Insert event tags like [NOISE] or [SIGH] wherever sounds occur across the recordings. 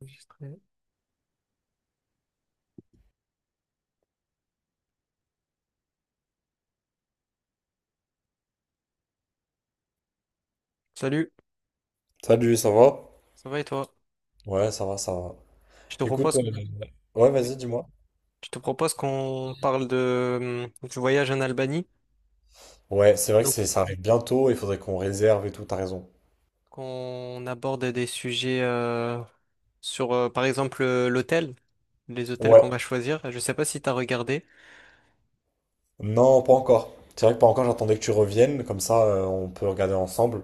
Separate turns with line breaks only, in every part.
Enregistré. Salut,
Salut, ça va?
ça va et toi?
Ouais, ça va, ça va.
Je te
Écoute,
propose,
ouais, vas-y, dis-moi.
je te propose qu'on parle de, du voyage en Albanie,
Ouais, c'est vrai que
donc
ça arrive bientôt il faudrait qu'on réserve et tout, t'as raison.
qu'on aborde des sujets sur, par exemple, l'hôtel, les hôtels
Ouais,
qu'on va choisir. Je sais pas si tu as regardé.
non, pas encore. C'est vrai que pas encore, j'attendais que tu reviennes, comme ça on peut regarder ensemble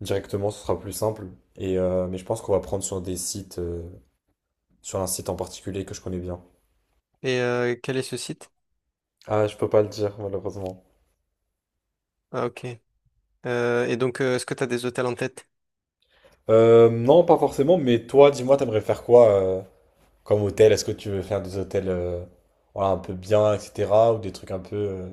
directement, ce sera plus simple. Et mais je pense qu'on va prendre sur des sites, sur un site en particulier que je connais bien.
Et quel est ce site?
Ah, je peux pas le dire, malheureusement.
Ah ok. Et donc, est-ce que tu as des hôtels en tête?
Non, pas forcément, mais toi, dis-moi, t'aimerais faire quoi comme hôtel? Est-ce que tu veux faire des hôtels voilà, un peu bien, etc., ou des trucs un peu.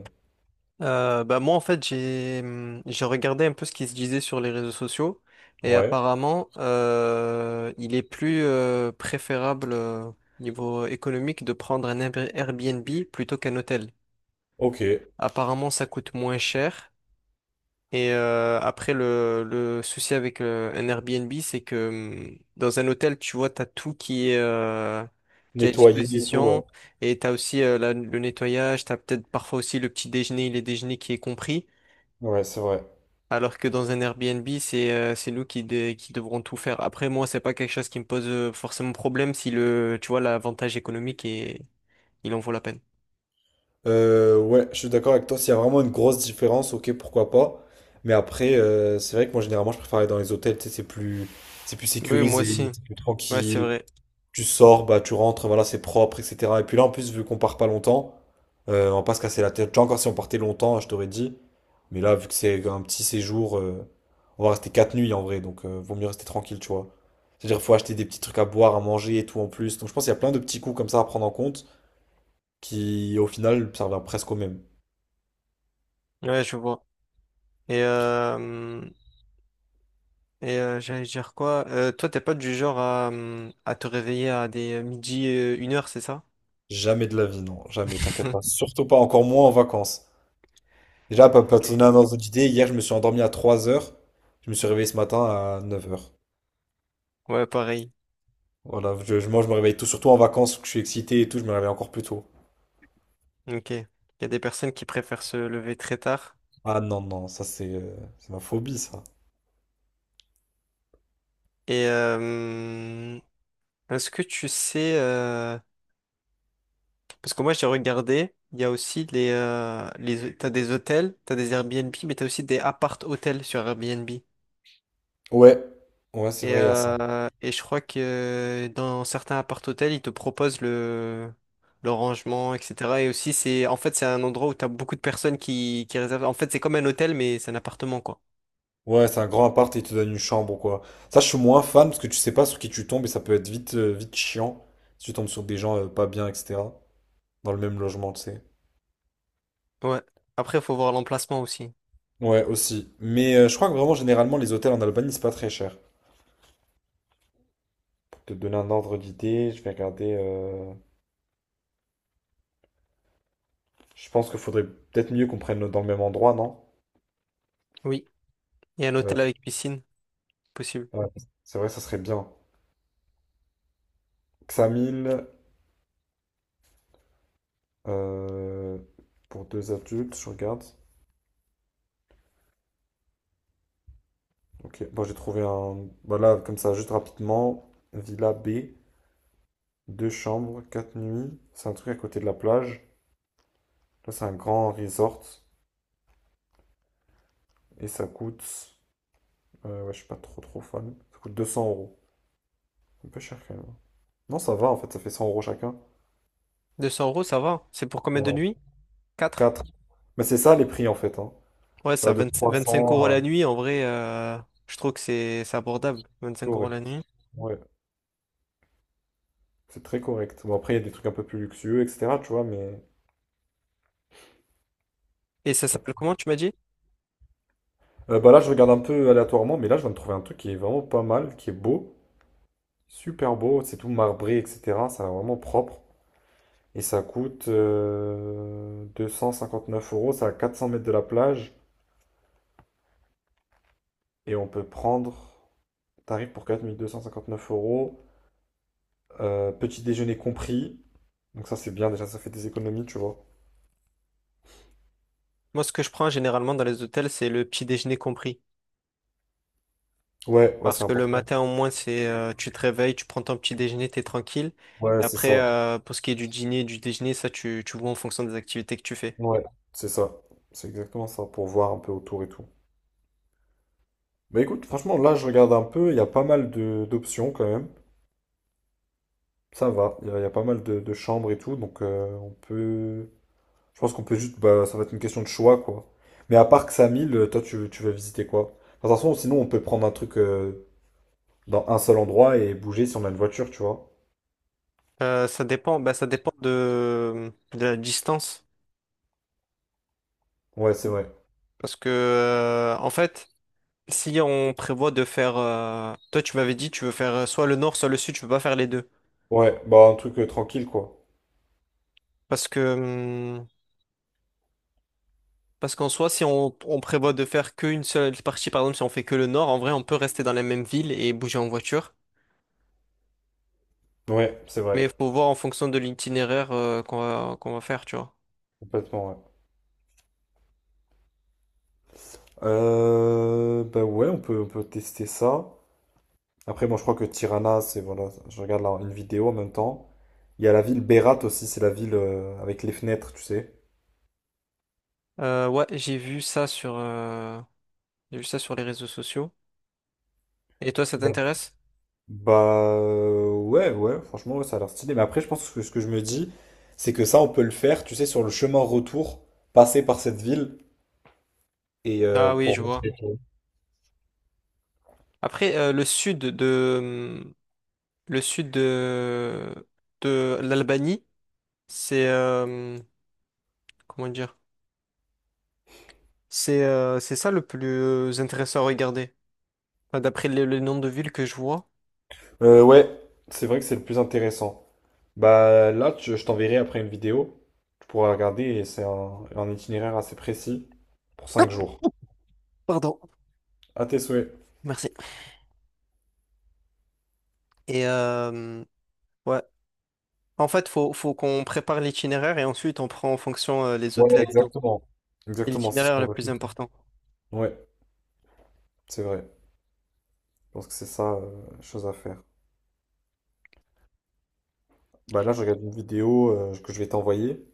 Bah moi, en fait, j'ai regardé un peu ce qui se disait sur les réseaux sociaux et
Ouais,
apparemment, il est plus préférable niveau économique de prendre un Airbnb plutôt qu'un hôtel.
ok.
Apparemment, ça coûte moins cher. Et après, le souci avec un Airbnb, c'est que dans un hôtel, tu vois, tu as tout qui est à
Nettoyer et tout, ouais.
disposition. Et tu as aussi le nettoyage, tu as peut-être parfois aussi le petit déjeuner, les déjeuners qui est compris.
Ouais, c'est vrai.
Alors que dans un Airbnb, c'est nous qui devrons tout faire. Après, moi, c'est pas quelque chose qui me pose forcément problème si le tu vois, l'avantage économique est, il en vaut la peine.
Ouais, je suis d'accord avec toi. S'il y a vraiment une grosse différence, ok, pourquoi pas. Mais après, c'est vrai que moi, généralement, je préfère aller dans les hôtels, tu sais, c'est plus
Oui, moi aussi.
sécurisé, c'est plus
Ouais, c'est
tranquille.
vrai.
Tu sors, bah, tu rentres, voilà, c'est propre, etc. Et puis là, en plus, vu qu'on part pas longtemps, on va pas se casser la tête. Tu vois, encore si on partait longtemps, je t'aurais dit. Mais là, vu que c'est un petit séjour, on va rester 4 nuits en vrai, donc vaut mieux rester tranquille, tu vois. C'est-à-dire faut acheter des petits trucs à boire, à manger et tout en plus. Donc je pense qu'il y a plein de petits coups comme ça à prendre en compte qui, au final, servent presque au même.
Ouais, je vois. Et et j'allais dire quoi? Toi, t'es pas du genre à te réveiller à des midi, une heure, c'est ça?
Jamais de la vie, non, jamais, t'inquiète pas.
[LAUGHS]
Surtout pas, encore moins en vacances. Déjà, pas te donner un ordre d'idée, hier je me suis endormi à 3 heures, je me suis réveillé ce matin à 9 heures.
Ouais, pareil.
Voilà, moi je me réveille tout, surtout en vacances, que je suis excité et tout, je me réveille encore plus tôt.
Ok. Il y a des personnes qui préfèrent se lever très tard.
Ah non, non, ça c'est ma phobie, ça.
Et hum, est-ce que tu sais... Parce que moi, j'ai regardé, il y a aussi les... T'as des hôtels, t'as des Airbnb, mais t'as aussi des appart-hôtels sur Airbnb.
Ouais, ouais, c'est vrai, il y a ça.
Et je crois que dans certains appart-hôtels, ils te proposent le rangement, etc. Et aussi, c'est, en fait, c'est un endroit où tu as beaucoup de personnes qui réservent. En fait, c'est comme un hôtel, mais c'est un appartement, quoi.
Ouais, c'est un grand appart et ils te donnent une chambre ou quoi. Ça, je suis moins fan parce que tu sais pas sur qui tu tombes et ça peut être vite chiant si tu tombes sur des gens pas bien, etc. Dans le même logement, tu sais.
Ouais. Après, il faut voir l'emplacement aussi.
Ouais, aussi. Mais je crois que vraiment, généralement, les hôtels en Albanie, c'est pas très cher. Pour te donner un ordre d'idée, je vais regarder. Je pense qu'il faudrait peut-être mieux qu'on prenne dans le même endroit, non?
Oui. Et un
Euh,
hôtel avec piscine, possible.
ouais, c'est vrai, ça serait bien. Xamil, euh, pour deux adultes, je regarde. Ok, bon, j'ai trouvé un. Voilà, comme ça, juste rapidement. Villa B, deux chambres, 4 nuits. C'est un truc à côté de la plage. Là, c'est un grand resort. Et ça coûte. Ouais, je suis pas trop trop fan. Ça coûte 200 euros. C'est un peu cher quand même. Non, ça va en fait, ça fait 100 euros chacun.
200 euros, ça va. C'est pour combien de nuits? Quatre.
Quatre. Mais c'est ça les prix en fait. Hein.
Ouais, c'est
T'as
à
de
20 25 euros
300
la
à...
nuit. En vrai, je trouve que c'est abordable.
C'est
25 euros
correct.
la nuit.
Ouais, c'est très correct. Bon, après, il y a des trucs un peu plus luxueux, etc. Tu vois, mais
Et ça
quatre.
s'appelle comment, tu m'as dit?
Bah là, je regarde un peu aléatoirement, mais là, je viens de trouver un truc qui est vraiment pas mal, qui est beau. Super beau. C'est tout marbré, etc. Ça a vraiment propre. Et ça coûte 9 euros. Ça à 400 mètres de la plage. Et on peut prendre tarif pour 4 259 euros. Petit déjeuner compris. Donc ça, c'est bien. Déjà, ça fait des économies, tu vois.
Moi, ce que je prends généralement dans les hôtels, c'est le petit déjeuner compris.
Ouais, ouais,
Parce
c'est
que le
important.
matin, au moins, c'est tu te réveilles, tu prends ton petit déjeuner, t'es tranquille. Et
Ouais, c'est
après,
ça.
pour ce qui est du dîner, du déjeuner, ça, tu vois en fonction des activités que tu fais.
Ouais, c'est ça. C'est exactement ça, pour voir un peu autour et tout. Mais écoute, franchement, là, je regarde un peu, il y a pas mal de d'options quand même. Ça va, il y a pas mal de chambres et tout, donc on peut... Je pense qu'on peut juste... Bah, ça va être une question de choix, quoi. Mais à part que Samil, toi, tu veux visiter quoi? De toute façon, sinon, on peut prendre un truc dans un seul endroit et bouger si on a une voiture, tu vois.
Ça dépend, bah, ça dépend de la distance.
Ouais, c'est vrai.
Parce que, en fait, si on prévoit de faire. Toi, tu m'avais dit, tu veux faire soit le nord, soit le sud, tu peux pas faire les deux.
Ouais, bah un truc tranquille, quoi.
Parce que. Parce qu'en soi, si on, on prévoit de faire qu'une seule partie, par exemple, si on fait que le nord, en vrai, on peut rester dans la même ville et bouger en voiture.
Ouais, c'est
Mais
vrai.
il faut voir en fonction de l'itinéraire qu'on va faire, tu vois.
Complètement, ouais. Bah ouais, on peut tester ça. Après, moi, je crois que Tirana, c'est voilà, je regarde là une vidéo en même temps. Il y a la ville Berat aussi, c'est la ville avec les fenêtres, tu sais.
Ouais, j'ai vu ça sur, j'ai vu ça sur les réseaux sociaux. Et toi, ça
Il
t'intéresse?
Bah ouais, ouais, franchement, ouais, ça a l'air stylé. Mais après, je pense que ce que je me dis, c'est que ça, on peut le faire, tu sais, sur le chemin retour, passer par cette ville et
Ah oui,
pour.
je vois. Après, le sud de l'Albanie, c'est, euh, comment dire? C'est ça le plus intéressant à regarder. Enfin, d'après le nombre de villes que je vois.
Ouais, c'est vrai que c'est le plus intéressant. Bah là, je t'enverrai après une vidéo. Tu pourras regarder et c'est un itinéraire assez précis pour 5 jours.
Pardon.
À tes souhaits.
Merci. Et ouais, en fait, faut qu'on prépare l'itinéraire et ensuite on prend en fonction les
Ouais,
hôtels et tout.
exact
C'est
Exactement, c'est ce
l'itinéraire
qu'on
le
veut
plus
faire.
important.
Ouais, c'est vrai. Je pense que c'est ça, la chose à faire. Bah là, je regarde une vidéo que je vais t'envoyer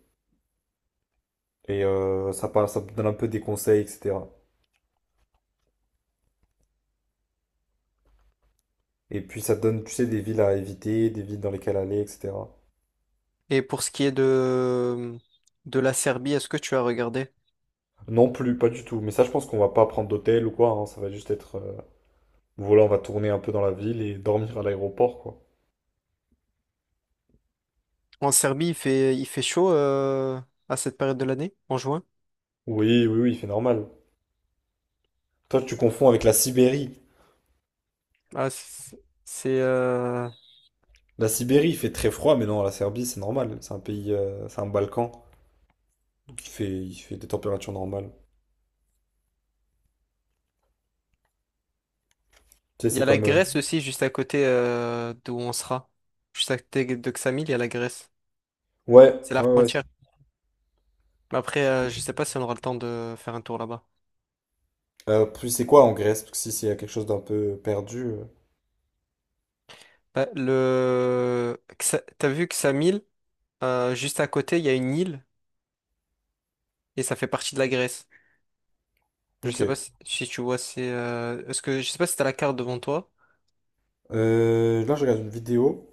et ça parle, ça te donne un peu des conseils, etc. Et puis ça te donne, tu sais, des villes à éviter, des villes dans lesquelles aller, etc.
Et pour ce qui est de la Serbie, est-ce que tu as regardé?
Non plus, pas du tout. Mais ça, je pense qu'on va pas prendre d'hôtel ou quoi. Hein. Ça va juste être, voilà, on va tourner un peu dans la ville et dormir à l'aéroport, quoi.
En Serbie, il fait chaud à cette période de l'année, en juin.
Oui, oui, oui, c'est normal. Toi, tu confonds avec la Sibérie.
Ah, c'est, c'est, euh,
La Sibérie, il fait très froid, mais non, la Serbie, c'est normal. C'est un pays, c'est un Balkan. Il fait des températures normales. Tu sais,
Il y
c'est
a la
comme.
Grèce aussi, juste à côté d'où on sera. Juste à côté de Ksamil, il y a la Grèce.
Ouais,
C'est la
ouais, ouais.
frontière. Mais après, je sais pas si on aura le temps de faire un tour là-bas.
Puis c'est quoi en Grèce? Parce que si c'est quelque chose d'un peu perdu.
Bah, T'as vu que Samil, juste à côté, il y a une île et ça fait partie de la Grèce. Je sais pas
Ok.
si, si tu vois, est-ce que je sais pas si t'as la carte devant toi.
Là, je regarde une vidéo.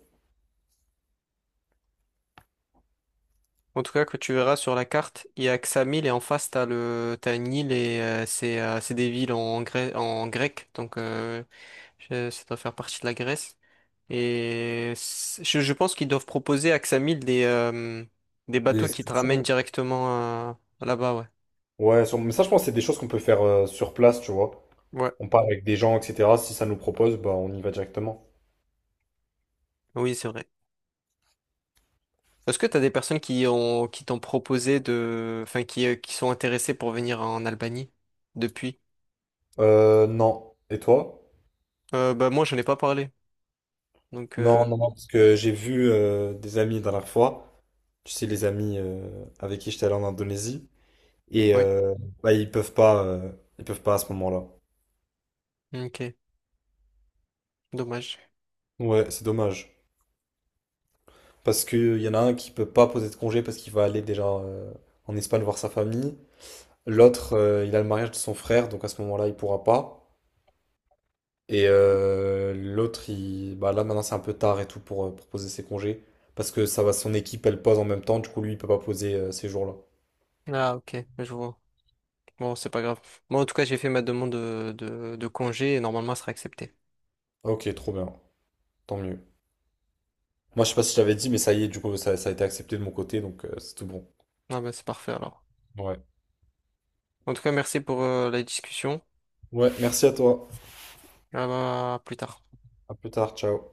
En tout cas, que tu verras sur la carte, il y a que Xamil et en face t'as une île et c'est des villes en grec donc ça doit faire partie de la Grèce et je pense qu'ils doivent proposer à Xamil des
Et
bateaux qui te
c'est-
ramènent directement là-bas, ouais.
Ouais, mais ça, je pense que c'est des choses qu'on peut faire sur place, tu vois.
Ouais.
On parle avec des gens, etc. Si ça nous propose, bah, on y va directement.
Oui, c'est vrai. Est-ce que tu as des personnes qui t'ont proposé de qui sont intéressées pour venir en Albanie depuis?
Non. Et toi?
Bah moi je n'ai pas parlé. Donc
Non, non, non, parce que j'ai vu des amis la dernière fois. Tu sais, les amis avec qui j'étais allé en Indonésie. Et
oui,
euh, Bah, ils peuvent pas à ce moment-là.
OK, dommage.
Ouais, c'est dommage. Parce qu'il y en a un qui peut pas poser de congé parce qu'il va aller déjà en Espagne voir sa famille. L'autre, il a le mariage de son frère, donc à ce moment-là, il pourra pas. L'autre, il... bah là maintenant, c'est un peu tard et tout pour poser ses congés. Parce que ça va, son équipe, elle pose en même temps, du coup, lui, il peut pas poser ces jours-là.
Ah OK, je vois. Bon, c'est pas grave. Moi en tout cas, j'ai fait ma demande de congé et normalement elle sera acceptée.
Ok, trop bien, tant mieux. Moi, je sais pas si je t'avais dit, mais ça y est, du coup, ça a été accepté de mon côté, donc c'est tout bon.
Ah bah c'est parfait alors.
Ouais.
En tout cas, merci pour la discussion.
Ouais, merci à toi.
Ah bah, à plus tard.
À plus tard, ciao.